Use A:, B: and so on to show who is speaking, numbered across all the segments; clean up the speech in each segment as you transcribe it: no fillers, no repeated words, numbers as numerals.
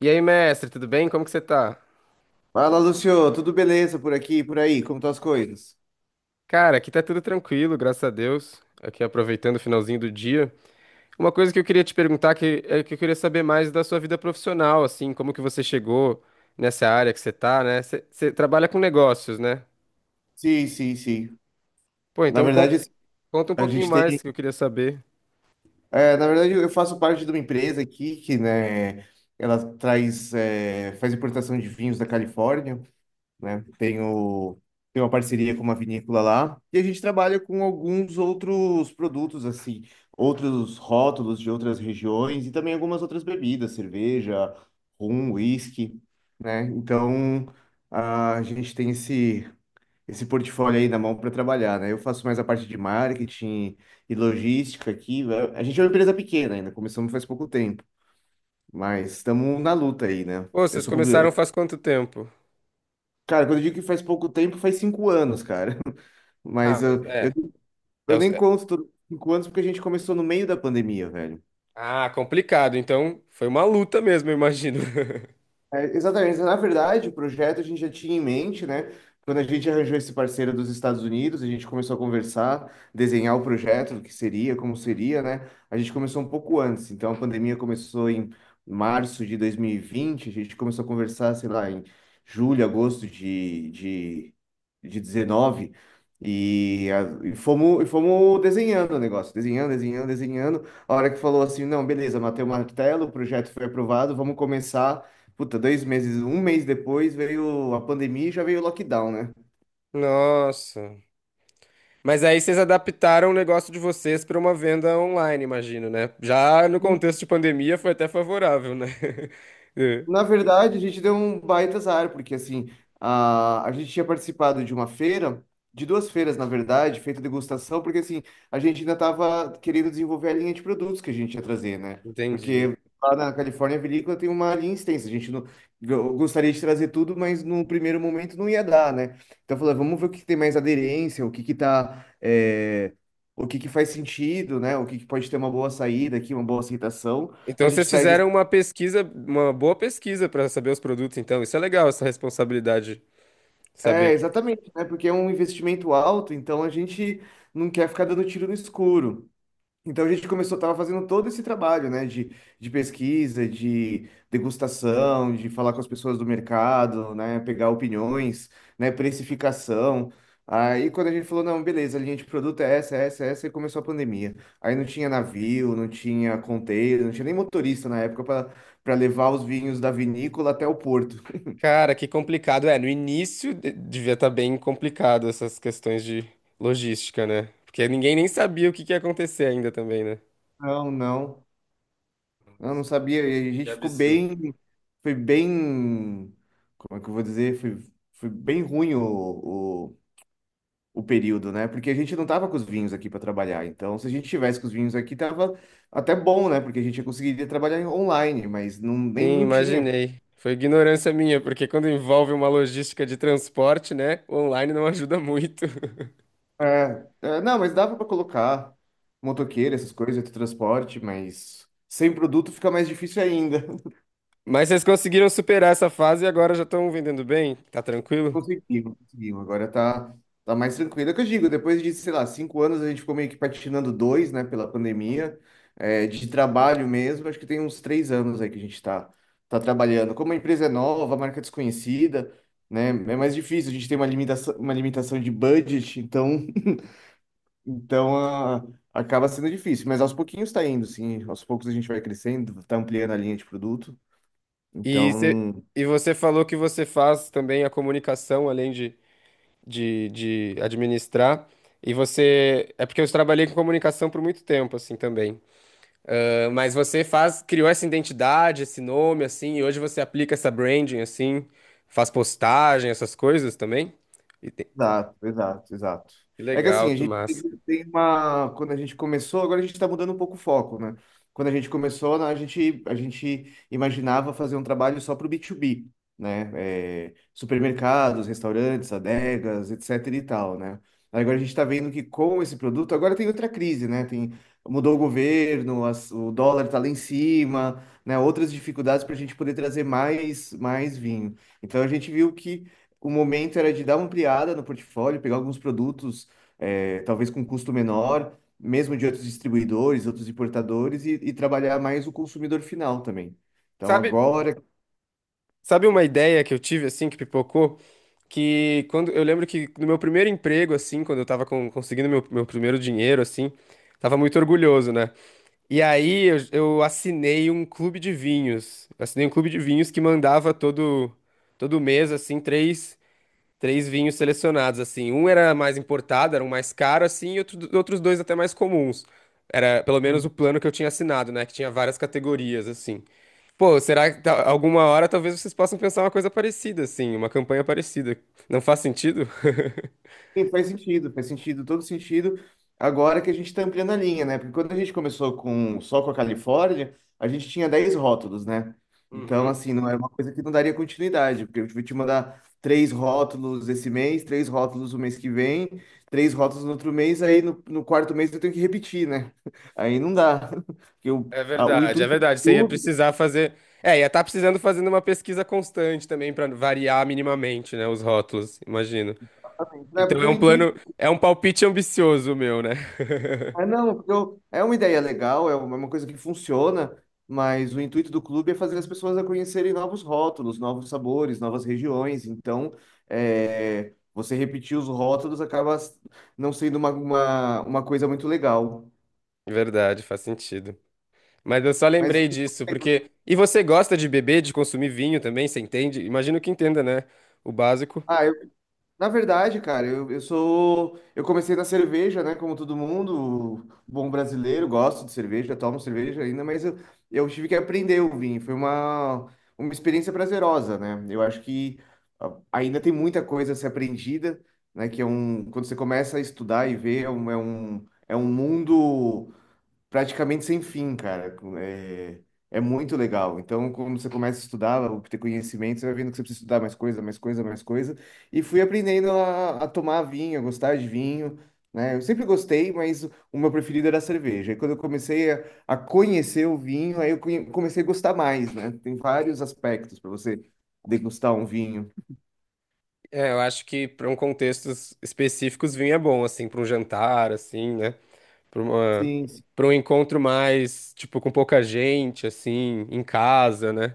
A: E aí, mestre, tudo bem? Como que você tá?
B: Fala, Lucio, tudo beleza por aqui, e por aí? Como estão as coisas?
A: Cara, aqui tá tudo tranquilo, graças a Deus. Aqui aproveitando o finalzinho do dia. Uma coisa que eu queria te perguntar que é que eu queria saber mais da sua vida profissional, assim, como que você chegou nessa área que você tá, né? Você trabalha com negócios, né?
B: Sim, sim, sim.
A: Pô,
B: Na
A: então con-
B: verdade,
A: conta um
B: a
A: pouquinho
B: gente
A: mais
B: tem.
A: que eu queria saber.
B: É, na verdade, eu faço parte de uma empresa aqui que, né, ela traz, faz importação de vinhos da Califórnia, né? Tenho uma parceria com uma vinícola lá e a gente trabalha com alguns outros produtos, assim, outros rótulos de outras regiões e também algumas outras bebidas, cerveja, rum, whisky, né? Então, a gente tem esse portfólio aí na mão para trabalhar, né? Eu faço mais a parte de marketing e logística aqui, né? A gente é uma empresa pequena ainda, começamos faz pouco tempo, mas estamos na luta aí, né?
A: Pô,
B: Eu
A: vocês
B: sou publi...
A: começaram faz quanto tempo?
B: Cara, quando eu digo que faz pouco tempo, faz cinco anos, cara.
A: Ah,
B: Mas
A: mas
B: eu,
A: é.
B: eu,
A: é
B: eu
A: os-
B: nem
A: é-
B: conto todos os cinco anos porque a gente começou no meio da pandemia, velho.
A: Ah, complicado. Então, foi uma luta mesmo, eu imagino.
B: É, exatamente. Na verdade, o projeto a gente já tinha em mente, né? Quando a gente arranjou esse parceiro dos Estados Unidos, a gente começou a conversar, desenhar o projeto, o que seria, como seria, né? A gente começou um pouco antes. Então, a pandemia começou em março de 2020, a gente começou a conversar, sei lá, em julho, agosto de 19. E fomos desenhando o negócio, desenhando, desenhando, desenhando. A hora que falou assim, não, beleza, matei o martelo, o projeto foi aprovado, vamos começar. Puta, dois meses, um mês depois veio a pandemia e já veio o lockdown, né?
A: Nossa. Mas aí vocês adaptaram o negócio de vocês para uma venda online, imagino, né? Já no contexto de pandemia foi até favorável, né? É.
B: Na verdade, a gente deu um baita azar, porque assim, a gente tinha participado de uma feira, de duas feiras, na verdade, feito degustação, porque assim, a gente ainda estava querendo desenvolver a linha de produtos que a gente ia trazer, né?
A: Entendi.
B: Porque lá na Califórnia, a vinícola tem uma linha extensa, a gente não, eu gostaria de trazer tudo, mas no primeiro momento não ia dar, né? Então, falou, vamos ver o que tem mais aderência, o que que tá, o que que faz sentido, né? O que que pode ter uma boa saída aqui, uma boa aceitação. A
A: Então vocês
B: gente traz.
A: fizeram uma pesquisa, uma boa pesquisa para saber os produtos, então. Isso é legal, essa responsabilidade, saber
B: É,
A: que.
B: exatamente, né? Porque é um investimento alto, então a gente não quer ficar dando tiro no escuro. Então a gente começou, tava fazendo todo esse trabalho, né? De pesquisa, de degustação, de falar com as pessoas do mercado, né? Pegar opiniões, né? Precificação. Aí quando a gente falou, não, beleza, a linha de produto é essa, é essa, é essa, e começou a pandemia. Aí não tinha navio, não tinha container, não tinha nem motorista na época para levar os vinhos da vinícola até o porto.
A: Cara, que complicado. É, no devia estar bem complicado essas questões de logística, né? Porque ninguém nem sabia o que que ia acontecer ainda também, né?
B: Não, não. Eu não sabia. E a
A: Que
B: gente ficou
A: absurdo.
B: bem. Foi bem. Como é que eu vou dizer? Foi bem ruim o período, né? Porque a gente não tava com os vinhos aqui para trabalhar. Então, se a gente tivesse com os vinhos aqui, tava até bom, né? Porque a gente conseguiria trabalhar online, mas não, nem,
A: Sim,
B: não tinha.
A: imaginei. Foi ignorância minha, porque quando envolve uma logística de transporte, né, o online não ajuda muito.
B: É, é, não, mas dava para colocar motoqueiro, essas coisas, transporte, mas sem produto fica mais difícil ainda.
A: Mas vocês conseguiram superar essa fase e agora já estão vendendo bem? Tá tranquilo?
B: Conseguimos, conseguimos. Agora tá mais tranquilo. É o que eu digo, depois de, sei lá, cinco anos, a gente ficou meio que patinando dois, né, pela pandemia, de trabalho mesmo. Acho que tem uns três anos aí que a gente tá trabalhando. Como a empresa é nova, a marca é desconhecida, né, é mais difícil. A gente tem uma limitação de budget, então, então ah, acaba sendo difícil. Mas aos pouquinhos tá indo, sim. Aos poucos a gente vai crescendo, tá ampliando a linha de produto.
A: E, cê-
B: Então.
A: e você falou que você faz também a comunicação, além de administrar. E você. É porque eu trabalhei com comunicação por muito tempo, assim, também. Ah, mas você faz, criou essa identidade, esse nome, assim, e hoje você aplica essa branding, assim, faz postagem, essas coisas também. E tem-
B: Exato, exato, exato.
A: Que
B: É que
A: legal,
B: assim, a
A: que
B: gente tem
A: massa.
B: tem uma. Quando a gente começou, agora a gente está mudando um pouco o foco, né? Quando a gente começou, né, a gente imaginava fazer um trabalho só para o B2B, né? É, supermercados, restaurantes, adegas, etc e tal, né? Aí agora a gente está vendo que com esse produto, agora tem outra crise, né? Tem, mudou o governo, o dólar está lá em cima, né? Outras dificuldades para a gente poder trazer mais vinho. Então a gente viu que o momento era de dar uma ampliada no portfólio, pegar alguns produtos, talvez com custo menor, mesmo de outros distribuidores, outros importadores, e trabalhar mais o consumidor final também. Então,
A: Sabe,
B: agora.
A: sabe, uma ideia que eu tive, assim, que pipocou? Que quando, eu lembro que no meu primeiro emprego, assim, quando eu tava conseguindo meu primeiro dinheiro, assim, tava muito orgulhoso, né? E aí eu assinei um clube de vinhos. Assinei um clube de vinhos que mandava todo mês, assim, três. Três vinhos selecionados, assim. Um era mais importado, era um mais caro, assim, e outros dois até mais comuns. Era pelo menos o plano que eu tinha assinado, né? Que tinha várias categorias, assim. Pô, será que alguma hora talvez vocês possam pensar uma coisa parecida, assim, uma campanha parecida? Não faz sentido?
B: Sim, faz sentido, todo sentido. Agora que a gente está ampliando a linha, né? Porque quando a gente começou com só com a Califórnia, a gente tinha 10 rótulos, né? Então,
A: Uhum.
B: assim, não é uma coisa que não daria continuidade, porque eu vou te mandar três rótulos esse mês, três rótulos o mês que vem, três rótulos no outro mês, aí no quarto mês eu tenho que repetir, né? Aí não dá. Porque o,
A: É
B: a- o
A: verdade, é
B: intuito de
A: verdade. Você ia
B: tudo,
A: precisar fazer. É, ia estar precisando fazendo uma pesquisa constante também para variar minimamente, né? Os rótulos, imagino.
B: exatamente, né?
A: Então é
B: Porque o
A: um
B: intuito.
A: plano, é um palpite ambicioso meu, né?
B: É, não, é uma ideia legal, é uma coisa que funciona, mas o intuito do clube é fazer as pessoas a conhecerem novos rótulos, novos sabores, novas regiões. Então, é, você repetir os rótulos acaba não sendo uma coisa muito legal.
A: Verdade, faz sentido. Mas eu só
B: Mas,
A: lembrei disso, porque. E você gosta de beber, de consumir vinho também, você entende? Imagino que entenda, né? O básico.
B: ah, eu Na verdade, cara, eu sou. Eu comecei na cerveja, né? Como todo mundo, bom brasileiro, gosto de cerveja, tomo cerveja ainda, mas eu tive que aprender o vinho. Foi uma experiência prazerosa, né? Eu acho que ainda tem muita coisa a ser aprendida, né? Que Quando você começa a estudar e ver, é um mundo praticamente sem fim, cara. É, é muito legal. Então, quando você começa a estudar, a obter conhecimento, você vai vendo que você precisa estudar mais coisa, mais coisa, mais coisa. E fui aprendendo a tomar vinho, a gostar de vinho, né? Eu sempre gostei, mas o meu preferido era a cerveja. E quando eu comecei a conhecer o vinho, aí eu comecei a gostar mais, né? Tem vários aspectos para você degustar um vinho.
A: É, eu acho que para um contextos específicos, vinho é bom, assim, para um jantar, assim, né? Para uma...
B: Sim, sim.
A: para um encontro mais, tipo, com pouca gente, assim, em casa, né?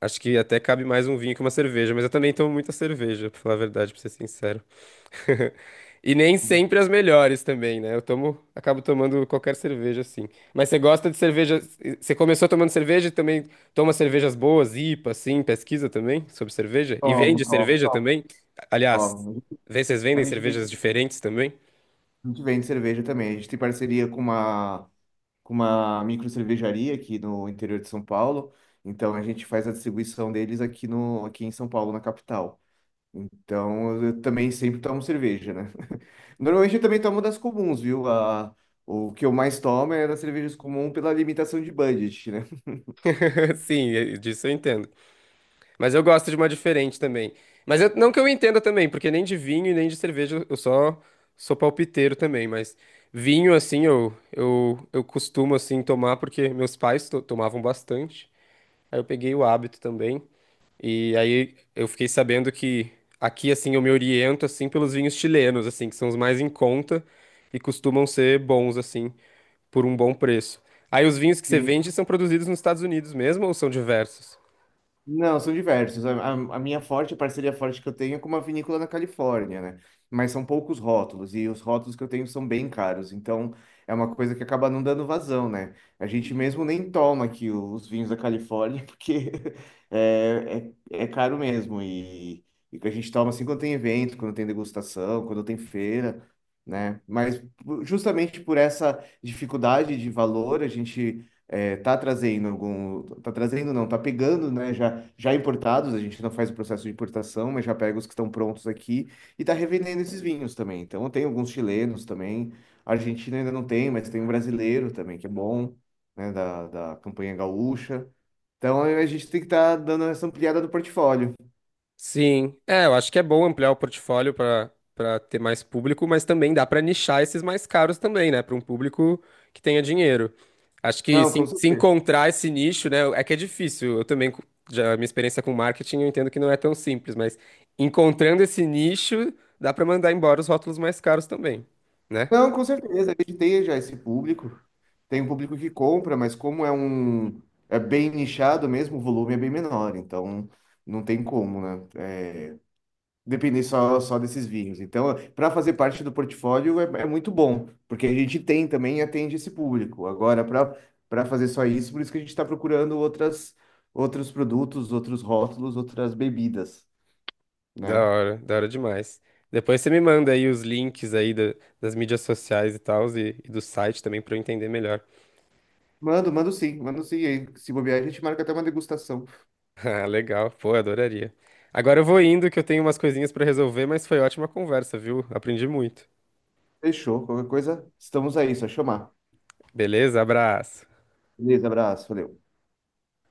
A: Acho que até cabe mais um vinho que uma cerveja, mas eu também tomo muita cerveja, pra falar a verdade, pra ser sincero. E nem sempre as melhores também, né? Eu tomo, acabo tomando qualquer cerveja assim. Mas você gosta de cerveja? Você começou tomando cerveja e também toma cervejas boas, IPA, assim, pesquisa também sobre cerveja? E
B: Tomo,
A: vende
B: tomo,
A: cerveja
B: tomo,
A: também? Aliás,
B: tomo.
A: vê se vocês vendem
B: A gente vende
A: cervejas diferentes também?
B: a gente vende cerveja também. A gente tem parceria com uma micro cervejaria aqui no interior de São Paulo. Então a gente faz a distribuição deles aqui no aqui em São Paulo, na capital. Então eu também sempre tomo cerveja, né? Normalmente eu também tomo das comuns, viu? A, o que eu mais tomo é das cervejas comuns pela limitação de budget, né?
A: Sim, disso eu entendo. Mas eu gosto de uma diferente também. Mas não que eu entenda também, porque nem de vinho e nem de cerveja eu só sou palpiteiro também. Mas vinho, assim, eu costumo, assim, tomar porque meus pais tomavam bastante. Aí eu peguei o hábito também. E aí eu fiquei sabendo que aqui, assim, eu me oriento, assim, pelos vinhos chilenos, assim, que são os mais em conta e costumam ser bons, assim, por um bom preço. Aí os vinhos que você vende são produzidos nos Estados Unidos mesmo ou são diversos?
B: Não, são diversos. A minha forte, a parceria forte que eu tenho é com uma vinícola na Califórnia, né? Mas são poucos rótulos, e os rótulos que eu tenho são bem caros, então é uma coisa que acaba não dando vazão, né? A gente mesmo nem toma aqui os vinhos da Califórnia, porque é caro mesmo, e que a gente toma assim quando tem evento, quando tem degustação, quando tem feira, né? Mas justamente por essa dificuldade de valor, a gente tá trazendo algum, tá trazendo não, tá pegando, né, já importados, a gente não faz o processo de importação, mas já pega os que estão prontos aqui e tá revendendo esses vinhos também. Então tem alguns chilenos também, a Argentina ainda não tem, mas tem um brasileiro também que é bom, né, da campanha gaúcha. Então a gente tem que estar dando essa ampliada do portfólio.
A: Sim, é, eu acho que é bom ampliar o portfólio para ter mais público, mas também dá para nichar esses mais caros também, né, para um público que tenha dinheiro. Acho que
B: Não, com
A: se
B: certeza.
A: encontrar esse nicho, né, é que é difícil. Eu também, já minha experiência com marketing, eu entendo que não é tão simples, mas encontrando esse nicho, dá para mandar embora os rótulos mais caros também, né?
B: Não, com certeza, ele tem já esse público. Tem um público que compra, mas como é bem nichado mesmo, o volume é bem menor, então não tem como, né? Depender só desses vinhos. Então, para fazer parte do portfólio é, é muito bom, porque a gente tem também e atende esse público. Agora, para fazer só isso, por isso que a gente está procurando outras outros produtos, outros rótulos, outras bebidas, né?
A: Da hora demais. Depois você me manda aí os links aí das mídias sociais e tal, e do site também para eu entender melhor.
B: Mando, mando sim, mando sim. E aí, se bobear, a gente marca até uma degustação.
A: Ah, legal. Pô, adoraria. Agora eu vou indo que eu tenho umas coisinhas pra resolver, mas foi ótima conversa, viu? Aprendi muito.
B: Fechou. Qualquer coisa, estamos aí, só chamar.
A: Beleza? Abraço.
B: Beleza, abraço, valeu.